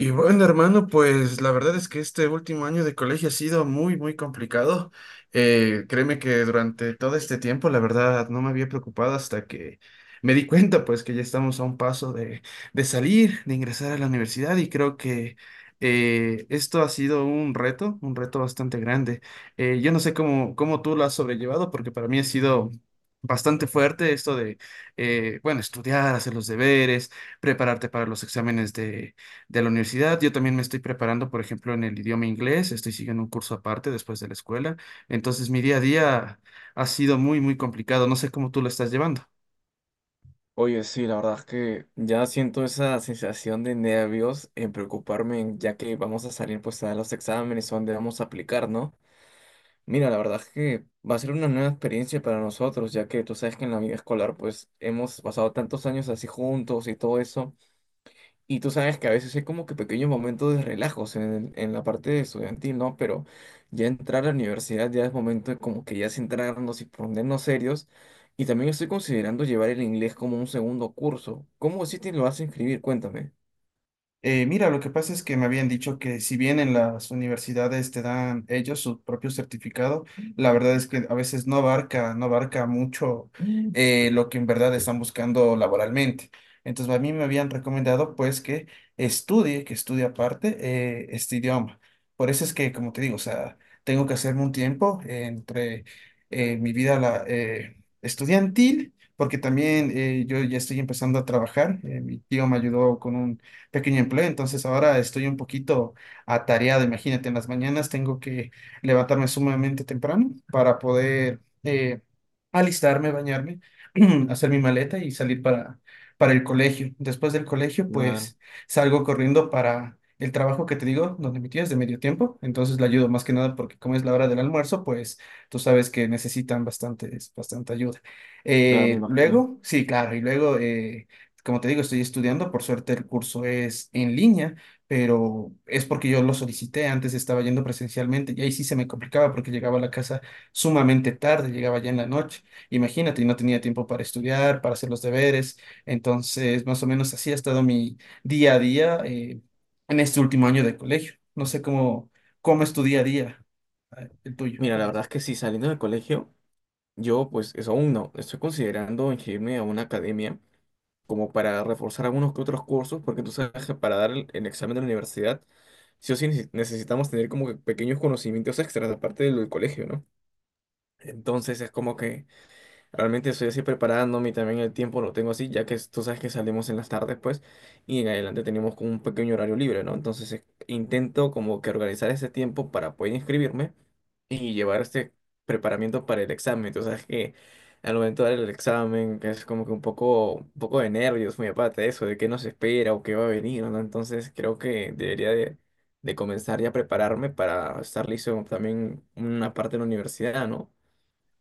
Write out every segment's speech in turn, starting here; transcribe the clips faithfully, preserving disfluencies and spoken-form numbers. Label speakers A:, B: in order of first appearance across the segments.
A: Y bueno, hermano, pues la verdad es que este último año de colegio ha sido muy, muy complicado. Eh, créeme que durante todo este tiempo, la verdad, no me había preocupado hasta que me di cuenta, pues, que ya estamos a un paso de, de salir, de ingresar a la universidad y creo que eh, esto ha sido un reto, un reto bastante grande. Eh, yo no sé cómo, cómo tú lo has sobrellevado, porque para mí ha sido... Bastante fuerte esto de, eh, bueno, estudiar, hacer los deberes, prepararte para los exámenes de la universidad. Yo también me estoy preparando, por ejemplo, en el idioma inglés. Estoy siguiendo un curso aparte después de la escuela. Entonces, mi día a día ha sido muy, muy complicado. No sé cómo tú lo estás llevando.
B: Oye, sí, la verdad es que ya siento esa sensación de nervios en preocuparme, en- ya que vamos a salir pues a dar los exámenes o donde vamos a aplicar, ¿no? Mira, la verdad es que va a ser una nueva experiencia para nosotros, ya que tú sabes que en la vida escolar pues hemos pasado tantos años así juntos y todo eso, y tú sabes que a veces hay como que pequeños momentos de relajos en, en la parte estudiantil, ¿no? Pero ya entrar a la universidad ya es momento de como que ya centrarnos y ponernos serios. Y también estoy considerando llevar el inglés como un segundo curso. ¿Cómo si te lo vas a inscribir? Cuéntame.
A: Eh, mira, lo que pasa es que me habían dicho que si bien en las universidades te dan ellos su propio certificado, la verdad es que a veces no abarca, no abarca mucho Mm. eh, lo que en verdad están buscando laboralmente. Entonces, a mí me habían recomendado pues que estudie, que estudie aparte eh, este idioma. Por eso es que, como te digo, o sea, tengo que hacerme un tiempo entre eh, mi vida la, eh, estudiantil, porque también eh, yo ya estoy empezando a trabajar. Eh, mi tío me ayudó con un pequeño empleo, entonces ahora estoy un poquito atareado. Imagínate, en las mañanas tengo que levantarme sumamente temprano para poder eh, alistarme, bañarme, hacer mi maleta y salir para, para el colegio. Después del colegio,
B: Claro,
A: pues salgo corriendo para el trabajo que te digo, donde mi tía es de medio tiempo, entonces la ayudo más que nada porque como es la hora del almuerzo, pues tú sabes que necesitan bastante, bastante ayuda.
B: claro, me
A: Eh,
B: imagino.
A: luego, sí, claro, y luego... eh, como te digo, estoy estudiando, por suerte el curso es en línea, pero es porque yo lo solicité, antes estaba yendo presencialmente y ahí sí se me complicaba porque llegaba a la casa sumamente tarde, llegaba ya en la noche, imagínate, y no tenía tiempo para estudiar, para hacer los deberes, entonces más o menos así ha estado mi día a día eh, en este último año de colegio. No sé cómo, cómo es tu día a día, eh, el tuyo,
B: Mira, la
A: ¿cómo es?
B: verdad es que sí, saliendo del colegio, yo pues eso aún no. Estoy considerando inscribirme a una academia como para reforzar algunos que otros cursos, porque tú sabes que para dar el, el examen de la universidad, sí o sí neces- necesitamos tener como que pequeños conocimientos extras, aparte de lo del colegio, ¿no? Entonces es como que realmente estoy así preparándome y también el tiempo lo tengo así, ya que es- tú sabes que salimos en las tardes, pues, y en adelante tenemos como un pequeño horario libre, ¿no? Entonces eh, intento como que organizar ese tiempo para poder inscribirme y llevar este preparamiento para el examen. Tú sabes que al momento de dar el examen que es como que un poco, un poco de nervios, muy aparte de eso, de qué nos espera o qué va a venir, ¿no? Entonces creo que debería de, de comenzar ya a prepararme para estar listo también una parte de la universidad, ¿no?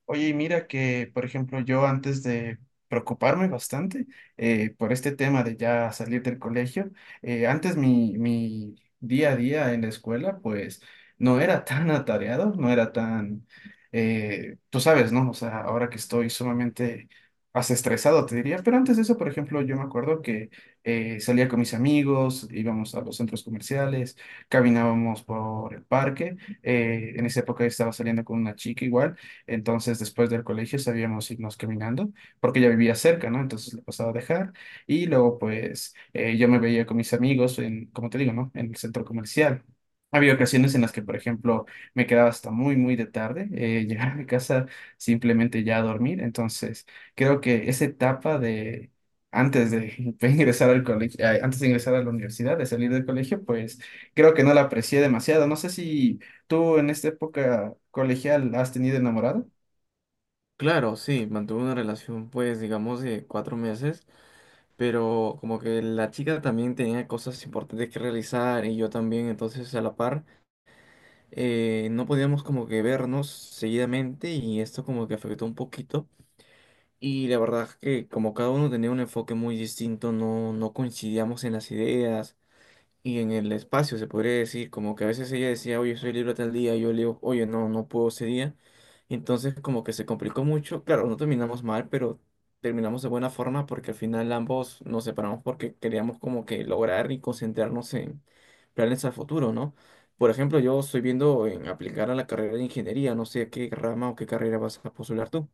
A: Oye, y mira que, por ejemplo, yo antes de preocuparme bastante eh, por este tema de ya salir del colegio, eh, antes mi, mi día a día en la escuela, pues no era tan atareado, no era tan, eh, tú sabes, ¿no? O sea, ahora que estoy sumamente hasta estresado, te diría, pero antes de eso, por ejemplo, yo me acuerdo que eh, salía con mis amigos, íbamos a los centros comerciales, caminábamos por el parque, eh, en esa época estaba saliendo con una chica igual. Entonces, después del colegio sabíamos irnos caminando, porque ya vivía cerca, ¿no? Entonces le pasaba a dejar y luego, pues, eh, yo me veía con mis amigos en, como te digo, ¿no? En el centro comercial. Había ocasiones en las que, por ejemplo, me quedaba hasta muy, muy de tarde, eh, llegar a mi casa simplemente ya a dormir. Entonces, creo que esa etapa de antes de ingresar al colegio, eh, antes de ingresar a la universidad, de salir del colegio, pues creo que no la aprecié demasiado. No sé si ¿tú en esta época colegial has tenido enamorado?
B: Claro, sí, mantuve una relación, pues, digamos, de cuatro meses, pero como que la chica también tenía cosas importantes que realizar y yo también, entonces a la par. Eh, no podíamos como que vernos seguidamente y esto como que afectó un poquito. Y la verdad es que como cada uno tenía un enfoque muy distinto, no, no coincidíamos en las ideas y en el espacio, se podría decir, como que a veces ella decía: "Oye, soy libre tal día", y yo le digo: "Oye, no, no puedo ese día". Y entonces como que se complicó mucho, claro, no terminamos mal, pero terminamos de buena forma porque al final ambos nos separamos porque queríamos como que lograr y concentrarnos en planes a futuro, ¿no? Por ejemplo, yo estoy viendo en aplicar a la carrera de ingeniería, no sé qué rama o qué carrera vas a postular tú.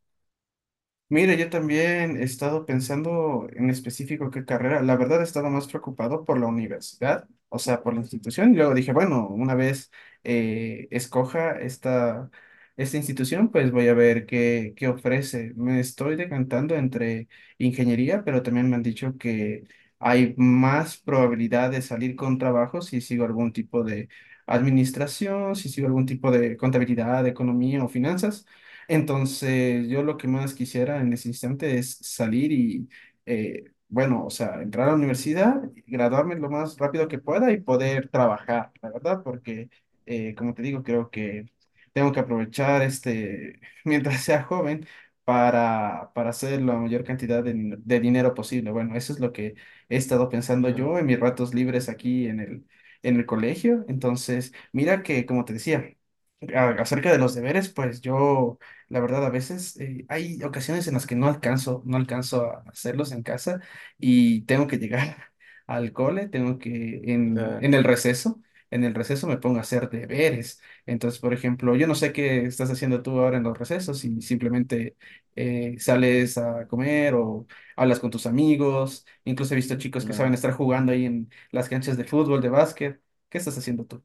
A: Mira, yo también he estado pensando en específico qué carrera. La verdad he estado más preocupado por la universidad, o sea, por la institución. Y luego dije, bueno, una vez eh, escoja esta, esta institución, pues voy a ver qué, qué ofrece. Me estoy decantando entre ingeniería, pero también me han dicho que hay más probabilidad de salir con trabajo si sigo algún tipo de administración, si sigo algún tipo de contabilidad, economía o finanzas. Entonces, yo lo que más quisiera en ese instante es salir y, eh, bueno, o sea, entrar a la universidad, graduarme lo más rápido que pueda y poder trabajar, la verdad, porque, eh, como te digo, creo que tengo que aprovechar este, mientras sea joven, para, para hacer la mayor cantidad de, din- de dinero posible. Bueno, eso es lo que he estado pensando
B: Claro.
A: yo en mis ratos libres aquí en el, en el colegio. Entonces, mira que, como te decía, a- acerca de los deberes, pues yo, la verdad, a veces eh, hay ocasiones en las que no alcanzo, no alcanzo a hacerlos en casa y tengo que llegar al cole, tengo que en, en
B: Claro,
A: el receso, en el receso me pongo a hacer deberes. Entonces, por ejemplo, yo no sé qué estás haciendo tú ahora en los recesos y simplemente eh, sales a comer o hablas con tus amigos. Incluso he visto chicos que saben
B: claro.
A: estar jugando ahí en las canchas de fútbol, de básquet. ¿Qué estás haciendo tú?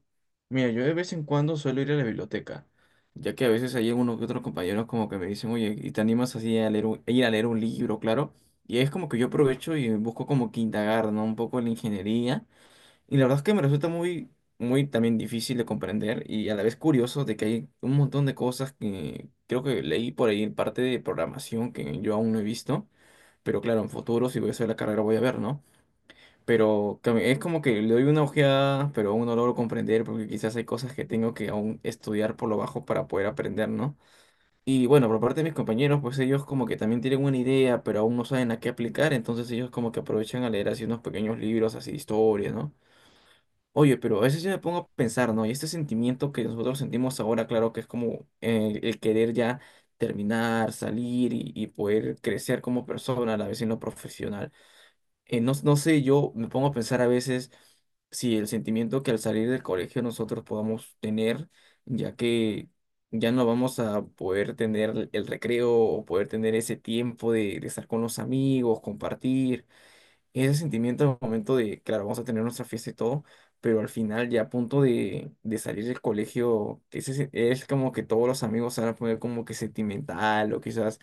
B: Mira, yo de vez en cuando suelo ir a la biblioteca, ya que a veces hay uno que otros compañeros como que me dicen: "Oye, ¿y te animas así a leer un- a ir a leer un libro, claro?". Y es como que yo aprovecho y busco como que indagar, ¿no? Un poco en la ingeniería. Y la verdad es que me resulta muy, muy también difícil de comprender y a la vez curioso de que hay un montón de cosas que creo que leí por ahí en parte de programación que yo aún no he visto, pero claro, en futuro si voy a hacer la carrera voy a ver, ¿no? Pero cam- es como que le doy una ojeada, pero aún no logro comprender porque quizás hay cosas que tengo que aún estudiar por lo bajo para poder aprender, ¿no? Y bueno, por parte de mis compañeros, pues ellos como que también tienen una idea, pero aún no saben a qué aplicar, entonces ellos como que aprovechan a leer así unos pequeños libros, así historias, ¿no? Oye, pero a veces yo me pongo a pensar, ¿no? Y este sentimiento que nosotros sentimos ahora, claro que es como eh, el, querer ya terminar, salir y, y poder crecer como persona, a la vez en lo profesional eh, no, no sé, yo me pongo a pensar a veces si el sentimiento que al salir del colegio nosotros podamos tener, ya que ya no vamos a poder tener el recreo o poder tener ese tiempo de, de estar con los amigos, compartir, ese sentimiento al momento de, claro, vamos a tener nuestra fiesta y todo, pero al final ya a punto de, de salir del colegio, ese, se- es como que todos los amigos se van a poner como que sentimental o quizás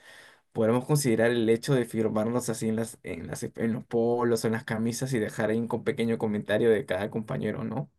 B: podemos considerar el hecho de firmarnos así en las, en las, en los polos o en las camisas y dejar ahí un co- pequeño comentario de cada compañero, ¿no?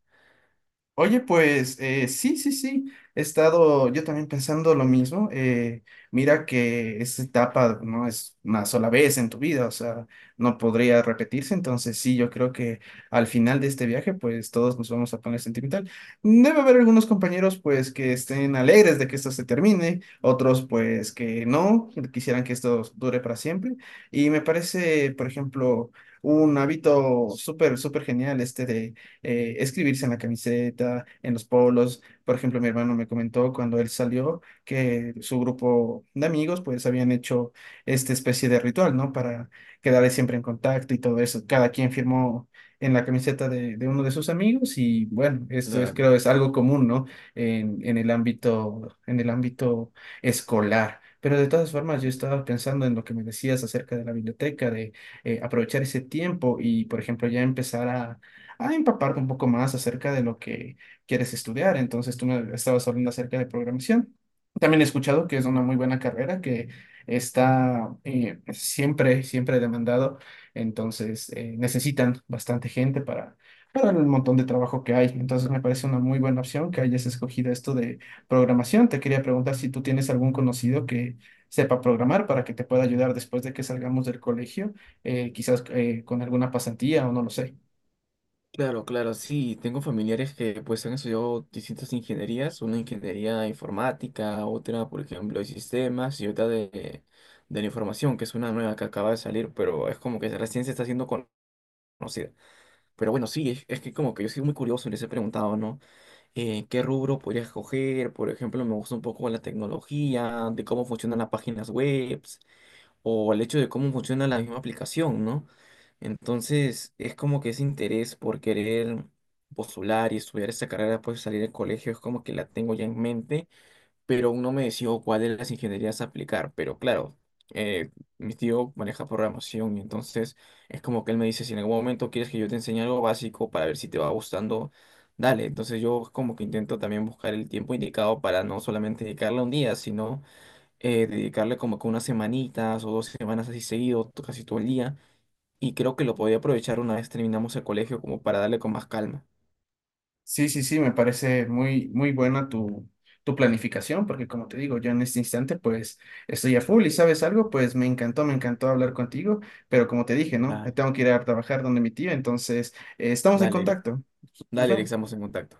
A: Oye, pues eh, sí, sí, sí, he estado yo también pensando lo mismo. Eh, mira que esa etapa no es una sola vez en tu vida, o sea, no podría repetirse. Entonces sí, yo creo que al final de este viaje, pues todos nos vamos a poner sentimental. Debe haber algunos compañeros, pues, que estén alegres de que esto se termine, otros, pues, que no, que quisieran que esto dure para siempre. Y me parece, por ejemplo, un hábito súper, súper genial este de eh, escribirse en la camiseta, en los polos. Por ejemplo, mi hermano me comentó cuando él salió que su grupo de amigos pues habían hecho esta especie de ritual, ¿no? Para quedar siempre en contacto y todo eso. Cada quien firmó en la camiseta de, de uno de sus amigos y bueno, esto es
B: Claro,
A: creo es algo común, ¿no? En, en el ámbito, en el ámbito escolar. Pero de todas formas, yo estaba pensando en lo que me decías acerca de la biblioteca, de eh, aprovechar ese tiempo y, por ejemplo, ya empezar a, a empaparte un poco más acerca de lo que quieres estudiar. Entonces, tú me estabas hablando acerca de programación. También he escuchado que es una muy buena carrera que está eh, siempre, siempre demandado. Entonces, eh, necesitan bastante gente para, para el montón de trabajo que hay. Entonces, me parece una muy buena opción que hayas escogido esto de programación. Te quería preguntar si tú tienes algún conocido que sepa programar para que te pueda ayudar después de que salgamos del colegio, eh, quizás eh, con alguna pasantía o no lo sé.
B: claro, claro, sí, tengo familiares que pues han estudiado distintas ingenierías, una ingeniería informática, otra, por ejemplo, de sistemas y otra de, de la información, que es una nueva que acaba de salir, pero es como que la ciencia está siendo con- conocida. Pero bueno, sí, es, es que como que yo soy muy curioso y les he preguntado, ¿no? Eh, ¿qué rubro podría escoger? Por ejemplo, me gusta un poco la tecnología, de cómo funcionan las páginas web o el hecho de cómo funciona la misma aplicación, ¿no? Entonces, es como que ese interés por querer postular y estudiar esa carrera después de salir del colegio es como que la tengo ya en mente, pero aún no me decido cuál de las ingenierías aplicar. Pero claro, eh, mi tío maneja programación y entonces es como que él me dice: "Si en algún momento quieres que yo te enseñe algo básico para ver si te va gustando, dale". Entonces yo como que intento también buscar el tiempo indicado para no solamente dedicarle un día, sino eh, dedicarle como que unas semanitas o dos semanas así seguido, to- casi todo el día. Y creo que lo podía aprovechar una vez terminamos el colegio como para darle con más calma.
A: Sí, sí, sí, me parece muy, muy buena tu, tu planificación, porque como te digo, yo en este instante pues estoy a full y sabes algo, pues me encantó, me encantó hablar contigo, pero como te dije, ¿no?
B: Dale.
A: Tengo que ir a trabajar donde mi tía, entonces eh, estamos en
B: Dale, Eric.
A: contacto. Nos
B: Dale, Eric,
A: vemos.
B: estamos en contacto.